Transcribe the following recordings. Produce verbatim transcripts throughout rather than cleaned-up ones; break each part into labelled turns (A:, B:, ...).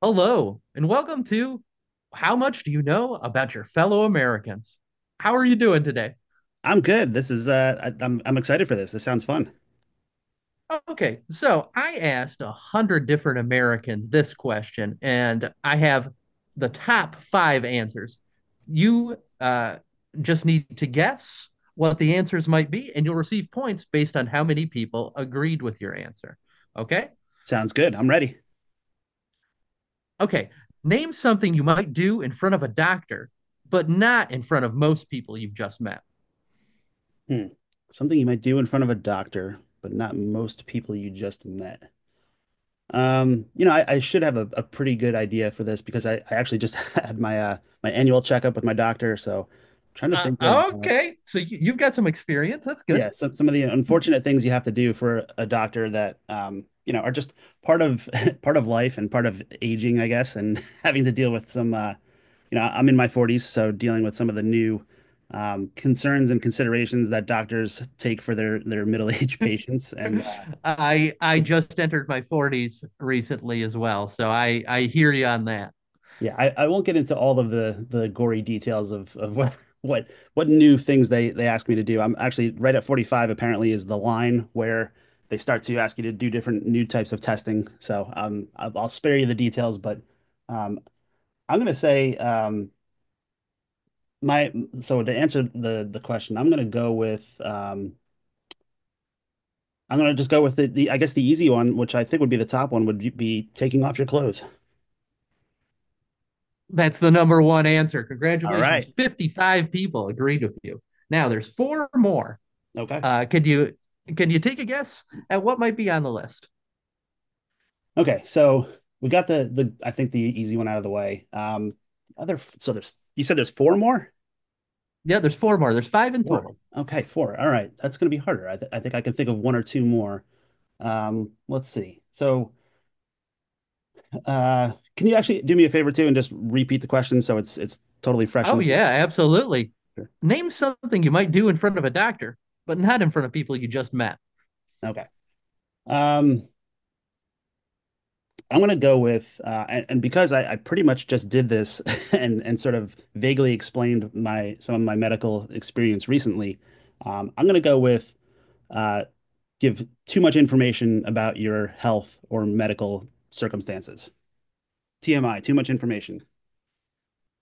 A: Hello, and welcome to How Much Do You Know About Your Fellow Americans? How are you doing today?
B: I'm good. This is uh I, I'm I'm excited for this. This sounds fun.
A: Okay, so I asked a hundred different Americans this question, and I have the top five answers. You uh, just need to guess what the answers might be, and you'll receive points based on how many people agreed with your answer. Okay?
B: Sounds good. I'm ready.
A: Okay, name something you might do in front of a doctor, but not in front of most people you've just met.
B: Hmm. Something you might do in front of a doctor, but not most people you just met. Um, you know, I, I should have a, a pretty good idea for this because I, I actually just had my uh my annual checkup with my doctor. So trying to think of
A: Uh,
B: uh,
A: okay, so you, you've got some experience. That's good.
B: yeah, some some of the unfortunate things you have to do for a doctor that um, you know, are just part of part of life and part of aging, I guess, and having to deal with some uh, you know, I'm in my forties, so dealing with some of the new um, concerns and considerations that doctors take for their their middle-aged patients and
A: I I
B: uh,
A: just entered my forties recently as well, so I I hear you on that.
B: yeah, I, I won't get into all of the the gory details of of what what what new things they they ask me to do. I'm actually right at forty-five apparently is the line where they start to ask you to do different new types of testing. So um I'll, I'll spare you the details, but um I'm gonna say um my so to answer the the question, I'm gonna go with um I'm gonna just go with the, the I guess the easy one, which I think would be the top one, would be taking off your clothes.
A: That's the number one answer.
B: All
A: Congratulations.
B: right.
A: fifty-five people agreed with you. Now there's four more.
B: Okay.
A: Uh, can you can you take a guess at what might be on the list?
B: Okay, so we got the the I think the easy one out of the way. Um, other so there's you said there's four more?
A: Yeah, there's four more. There's five in
B: Four.
A: total.
B: Okay, four. All right, that's going to be harder. I th I think I can think of one or two more. Um, let's see. So, uh, can you actually do me a favor too and just repeat the question so it's it's totally fresh
A: Oh,
B: and
A: yeah, absolutely. Name something you might do in front of a doctor, but not in front of people you just met.
B: okay. Um, I'm going to go with uh, and, and because I, I pretty much just did this and and sort of vaguely explained my some of my medical experience recently. Um, I'm going to go with uh, give too much information about your health or medical circumstances. T M I, too much information.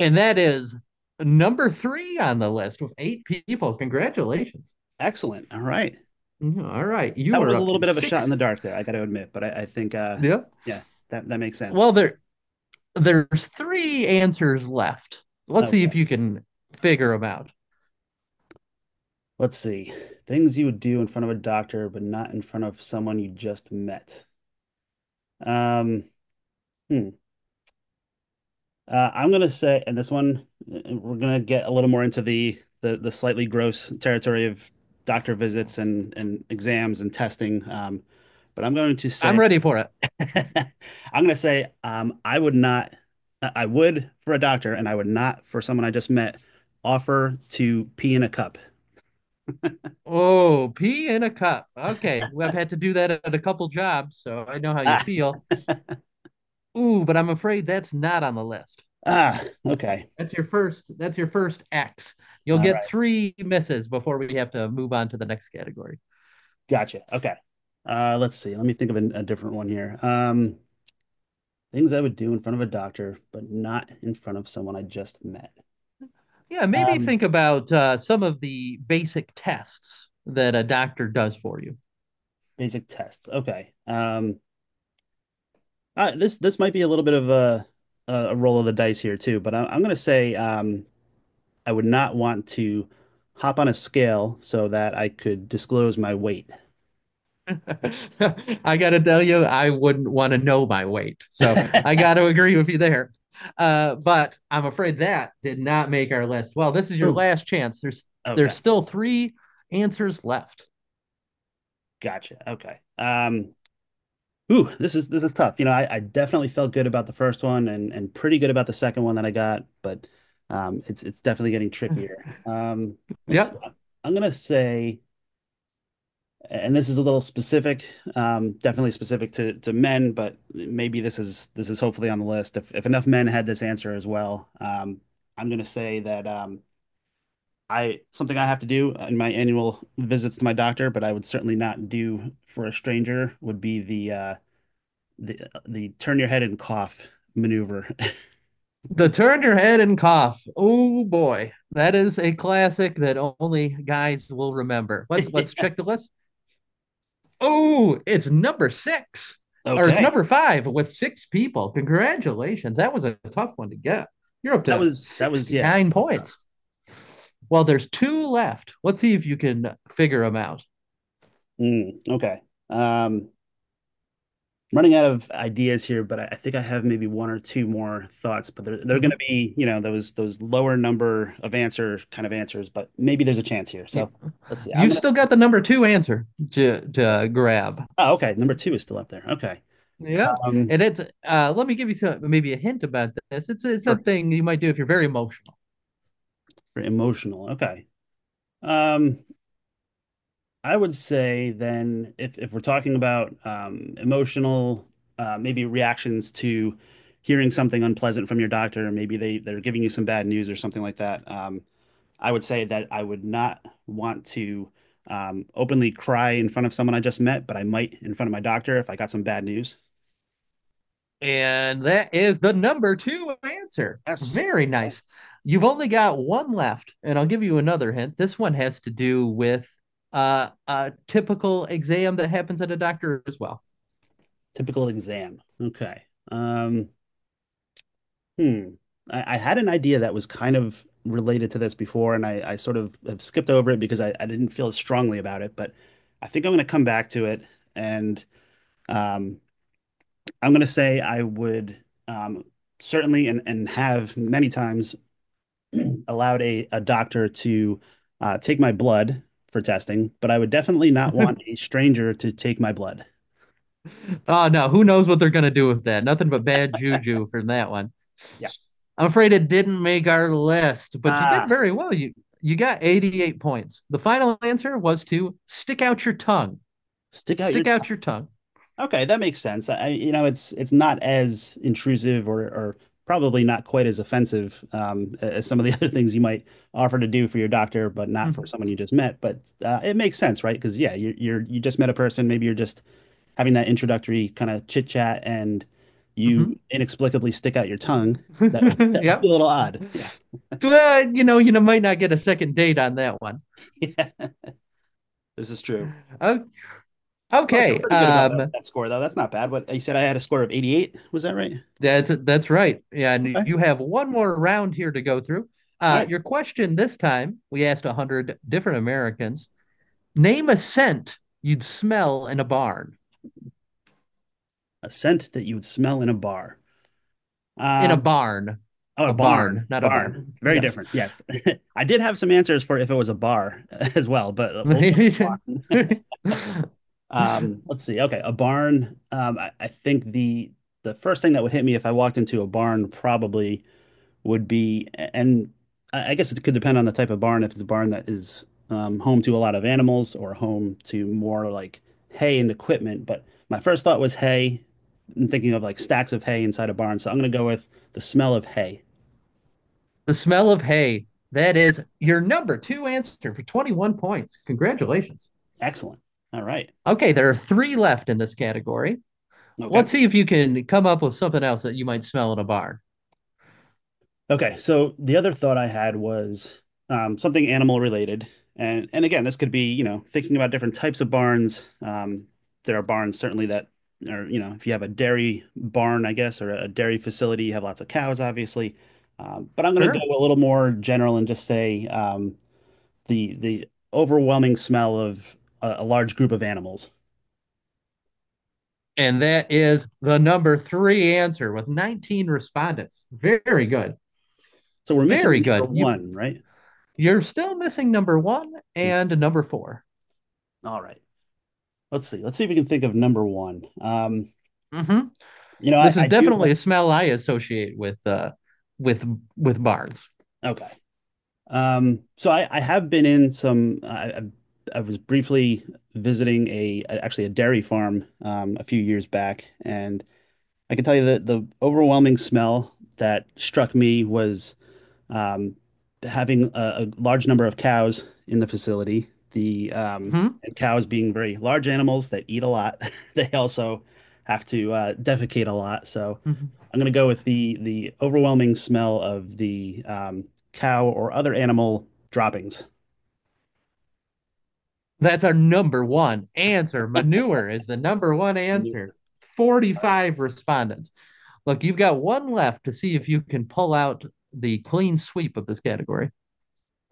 A: And that is number three on the list with eight people. Congratulations.
B: Excellent. All right.
A: Mhm. All right,
B: That
A: you
B: one
A: are
B: was a
A: up
B: little
A: to
B: bit of a shot in
A: six.
B: the dark there, I got to admit, but I, I think, uh,
A: Yep.
B: yeah, that, that makes sense.
A: Well, there there's three answers left. Let's see
B: Okay.
A: if you can figure them out.
B: Let's see. Things you would do in front of a doctor, but not in front of someone you just met. Um, hmm. Uh, I'm gonna say, and this one, uh, we're gonna get a little more into the the, the slightly gross territory of doctor visits and and exams and testing. Um, but I'm going to
A: I'm
B: say,
A: ready for it.
B: I'm gonna say, um, I would not, I I would for a doctor, and I would not for someone I just met offer to pee in a cup.
A: Oh, pee in a cup. Okay, well, I've had to do that at a couple jobs, so I know how you
B: Ah,
A: feel. Ooh, but I'm afraid that's not on the list.
B: ah, okay,
A: That's your first, that's your first X. You'll
B: all
A: get
B: right,
A: three misses before we have to move on to the next category.
B: gotcha. Okay, uh, let's see. Let me think of a, a different one here. Um, things I would do in front of a doctor, but not in front of someone I just met.
A: Yeah, maybe
B: Um,
A: think about uh, some of the basic tests that a doctor does for you.
B: basic tests. Okay. Um, uh, this this might be a little bit of a a roll of the dice here too, but I, I'm gonna say um, I would not want to hop on a scale so that I could disclose my weight.
A: I gotta tell you, I wouldn't want to know my weight. So I gotta agree with you there. Uh, but I'm afraid that did not make our list. Well, this is your
B: Ooh.
A: last chance. There's there's
B: Okay.
A: still three answers left.
B: Gotcha. Okay. Um, ooh, this is this is tough. You know, I, I definitely felt good about the first one and and pretty good about the second one that I got, but um, it's it's definitely getting trickier. Um, let's see.
A: Yep.
B: I'm gonna say and this is a little specific, um, definitely specific to to men, but maybe this is this is hopefully on the list. If if enough men had this answer as well, um, I'm going to say that um, I something I have to do in my annual visits to my doctor, but I would certainly not do for a stranger, would be the uh, the the turn your head and cough maneuver.
A: The turn your head and cough. Oh boy, that is a classic that only guys will remember. Let's let's check the list. Oh, it's number six, or it's
B: Okay.
A: number five with six people. Congratulations, that was a tough one to get. You're up
B: That
A: to
B: was, that was
A: sixty
B: yeah.
A: nine
B: Let's talk.
A: points. Well, there's two left. Let's see if you can figure them out.
B: Mm, okay. Um, I'm running out of ideas here, but I, I think I have maybe one or two more thoughts. But they're they're going to
A: Mhm.
B: be, you know, those those lower number of answer kind of answers. But maybe there's a chance here.
A: Yeah.
B: So let's see. I'm
A: You've
B: gonna.
A: still got the number two answer to,
B: Yeah.
A: to grab.
B: Oh, okay. Number two is still up there. Okay.
A: Yeah,
B: Um,
A: and it's uh let me give you some maybe a hint about this. It's it's
B: sure.
A: something you might do if you're very emotional.
B: Very emotional. Okay. Um, I would say then if if we're talking about um emotional, uh, maybe reactions to hearing something unpleasant from your doctor, maybe they they're giving you some bad news or something like that. Um, I would say that I would not want to um, openly cry in front of someone I just met, but I might in front of my doctor if I got some bad news.
A: And that is the number two answer.
B: Yes.
A: Very
B: Okay.
A: nice. You've only got one left, and I'll give you another hint. This one has to do with uh a typical exam that happens at a doctor as well.
B: Typical exam. Okay. Um, hmm. I, I had an idea that was kind of related to this before, and I, I sort of have skipped over it because I, I didn't feel as strongly about it, but I think I'm going to come back to it. And um, I'm going to say I would um, certainly and, and have many times allowed a, a doctor to uh, take my blood for testing, but I would definitely not want a stranger to take my blood.
A: Oh no, who knows what they're gonna do with that? Nothing but bad juju from that one.
B: Yeah.
A: I'm afraid it didn't make our list, but you did
B: Ah,
A: very well. You you got eighty-eight points. The final answer was to stick out your tongue.
B: stick out your
A: Stick
B: tongue.
A: out your tongue.
B: Okay, that makes sense. I, you know, it's it's not as intrusive or or probably not quite as offensive um, as some of the other things you might offer to do for your doctor, but not for
A: Mm-hmm.
B: someone you just met. But uh, it makes sense, right? Because yeah, you're, you're you just met a person. Maybe you're just having that introductory kind of chit chat and you inexplicably stick out your tongue,
A: Mm-hmm.
B: that would,
A: Mm-hmm.
B: that would be
A: Yep.
B: a little odd. Yeah.
A: Well, you know, you know, might not get a second date on that one.
B: Yeah. This is true. Well, I feel
A: Okay.
B: pretty good about that,
A: Um,
B: that score, though. That's not bad. What you said, I had a score of eighty-eight. Was that right?
A: that's that's right. Yeah, and
B: Okay.
A: you have one more round here to go through.
B: All
A: Uh,
B: right.
A: your question this time, we asked one hundred different Americans, name a scent you'd smell in a barn.
B: A scent that you would smell in a bar.
A: in a
B: Um,
A: barn,
B: oh, a
A: a
B: barn.
A: barn, not a
B: Barn.
A: barn.
B: Very
A: Yes.
B: different. Yes. I did have some answers for if it was a bar as well, but uh, we'll go with
A: The
B: um, let's see. Okay, a barn. Um, I I think the the first thing that would hit me if I walked into a barn probably would be, and I I guess it could depend on the type of barn. If it's a barn that is um, home to a lot of animals or home to more like hay and equipment. But my first thought was hay and thinking of like stacks of hay inside a barn. So I'm going to go with the smell of hay.
A: smell of hay. That is your number two answer for twenty-one points. Congratulations.
B: Excellent. All right.
A: Okay, there are three left in this category. Let's
B: Okay.
A: see if you can come up with something else that you might smell in a barn.
B: Okay, so the other thought I had was um, something animal related, and and again, this could be you know thinking about different types of barns. Um, there are barns certainly that are you know if you have a dairy barn, I guess, or a dairy facility, you have lots of cows, obviously. Um, but I'm going to
A: Sure.
B: go a little more general and just say um, the the overwhelming smell of a, a large group of animals.
A: And that is the number three answer with nineteen respondents. Very good.
B: So we're missing
A: Very good.
B: number
A: You
B: one, right?
A: you're still missing number one
B: No.
A: and number four.
B: All right. Let's see. Let's see if we can think of number one. Um,
A: Mm-hmm.
B: you know, I,
A: This is
B: I do.
A: definitely a smell I associate with uh with with barns.
B: Okay. Um, so I, I have been in some. I, I I was briefly visiting a actually a dairy farm um, a few years back, and I can tell you that the overwhelming smell that struck me was um, having a a large number of cows in the facility. The um,
A: Hmm.
B: and cows being very large animals that eat a lot, they also have to uh, defecate a lot. So,
A: Hmm.
B: I'm going to go with the the overwhelming smell of the um, cow or other animal droppings.
A: That's our number one answer. Manure is the number one answer.
B: All right.
A: forty-five respondents. Look, you've got one left to see if you can pull out the clean sweep of this category.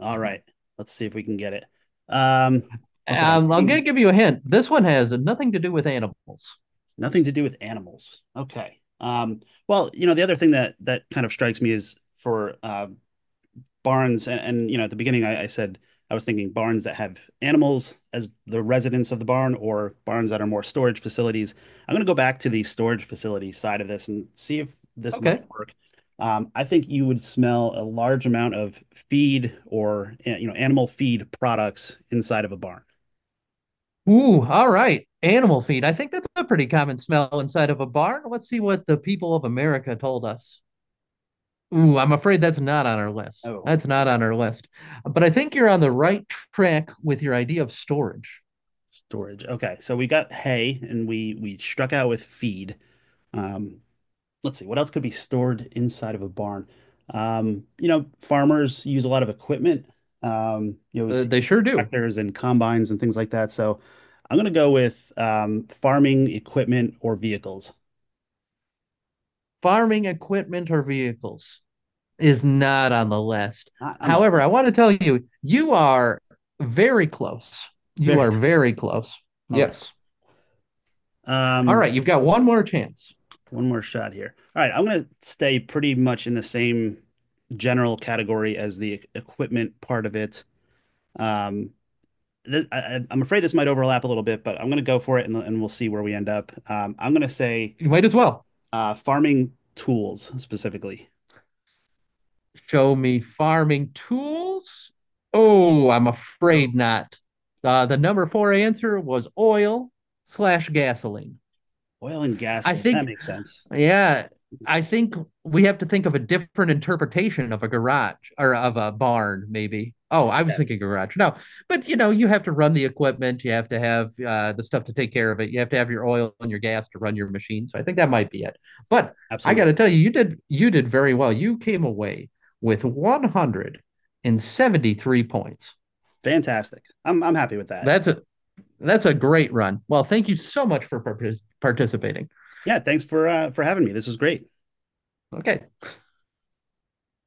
B: All right. Let's see if we can get it. Um, Okay. I'm
A: Um, I'm going to
B: thinking
A: give you a hint. This one has nothing to do with animals.
B: nothing to do with animals. Okay. Um, well, you know, the other thing that that kind of strikes me is for uh, barns and, and you know at the beginning I, I said I was thinking barns that have animals as the residents of the barn or barns that are more storage facilities. I'm going to go back to the storage facility side of this and see if this might
A: Okay.
B: work. Um, I think you would smell a large amount of feed or eh, you know animal feed products inside of a barn.
A: Ooh, all right. Animal feed. I think that's a pretty common smell inside of a barn. Let's see what the people of America told us. Ooh, I'm afraid that's not on our list.
B: Oh,
A: That's not on our list. But I think you're on the right track with your idea of storage.
B: storage. Okay, so we got hay and we we struck out with feed. Um, let's see, what else could be stored inside of a barn? Um, you know, farmers use a lot of equipment. Um, you know, we
A: Uh,
B: see
A: they sure do.
B: tractors and combines and things like that. So I'm gonna go with um, farming equipment or vehicles.
A: Farming equipment or vehicles is not on the list.
B: Not on the
A: However, I
B: list.
A: want to tell you, you are very close. You
B: Very
A: are very close.
B: okay.
A: Yes. All
B: Um,
A: right, you've got one more chance.
B: one more shot here. All right, I'm gonna stay pretty much in the same general category as the e- equipment part of it. Um, th- I, I- I'm afraid this might overlap a little bit, but I'm going to go for it and, and we'll see where we end up. Um, I'm going to say
A: You might as well.
B: uh, farming tools specifically.
A: Show me farming tools? Oh, I'm
B: Oh,
A: afraid not. Uh, the number four answer was oil slash gasoline.
B: oil and gas
A: I
B: leak. That
A: think
B: makes sense.
A: yeah, I think we have to think of a different interpretation of a garage or of a barn, maybe. Oh, I was
B: Yes,
A: thinking garage. No, but you know, you have to run the equipment, you have to have uh, the stuff to take care of it, you have to have your oil and your gas to run your machine. So I think that might be it. But I got
B: absolutely.
A: to tell you, you did you did very well. You came away with one hundred seventy-three points.
B: Fantastic. I'm I'm happy with that.
A: That's a that's a great run. Well, thank you so much for partic- participating.
B: Yeah, thanks for uh for having me. This was great.
A: Okay.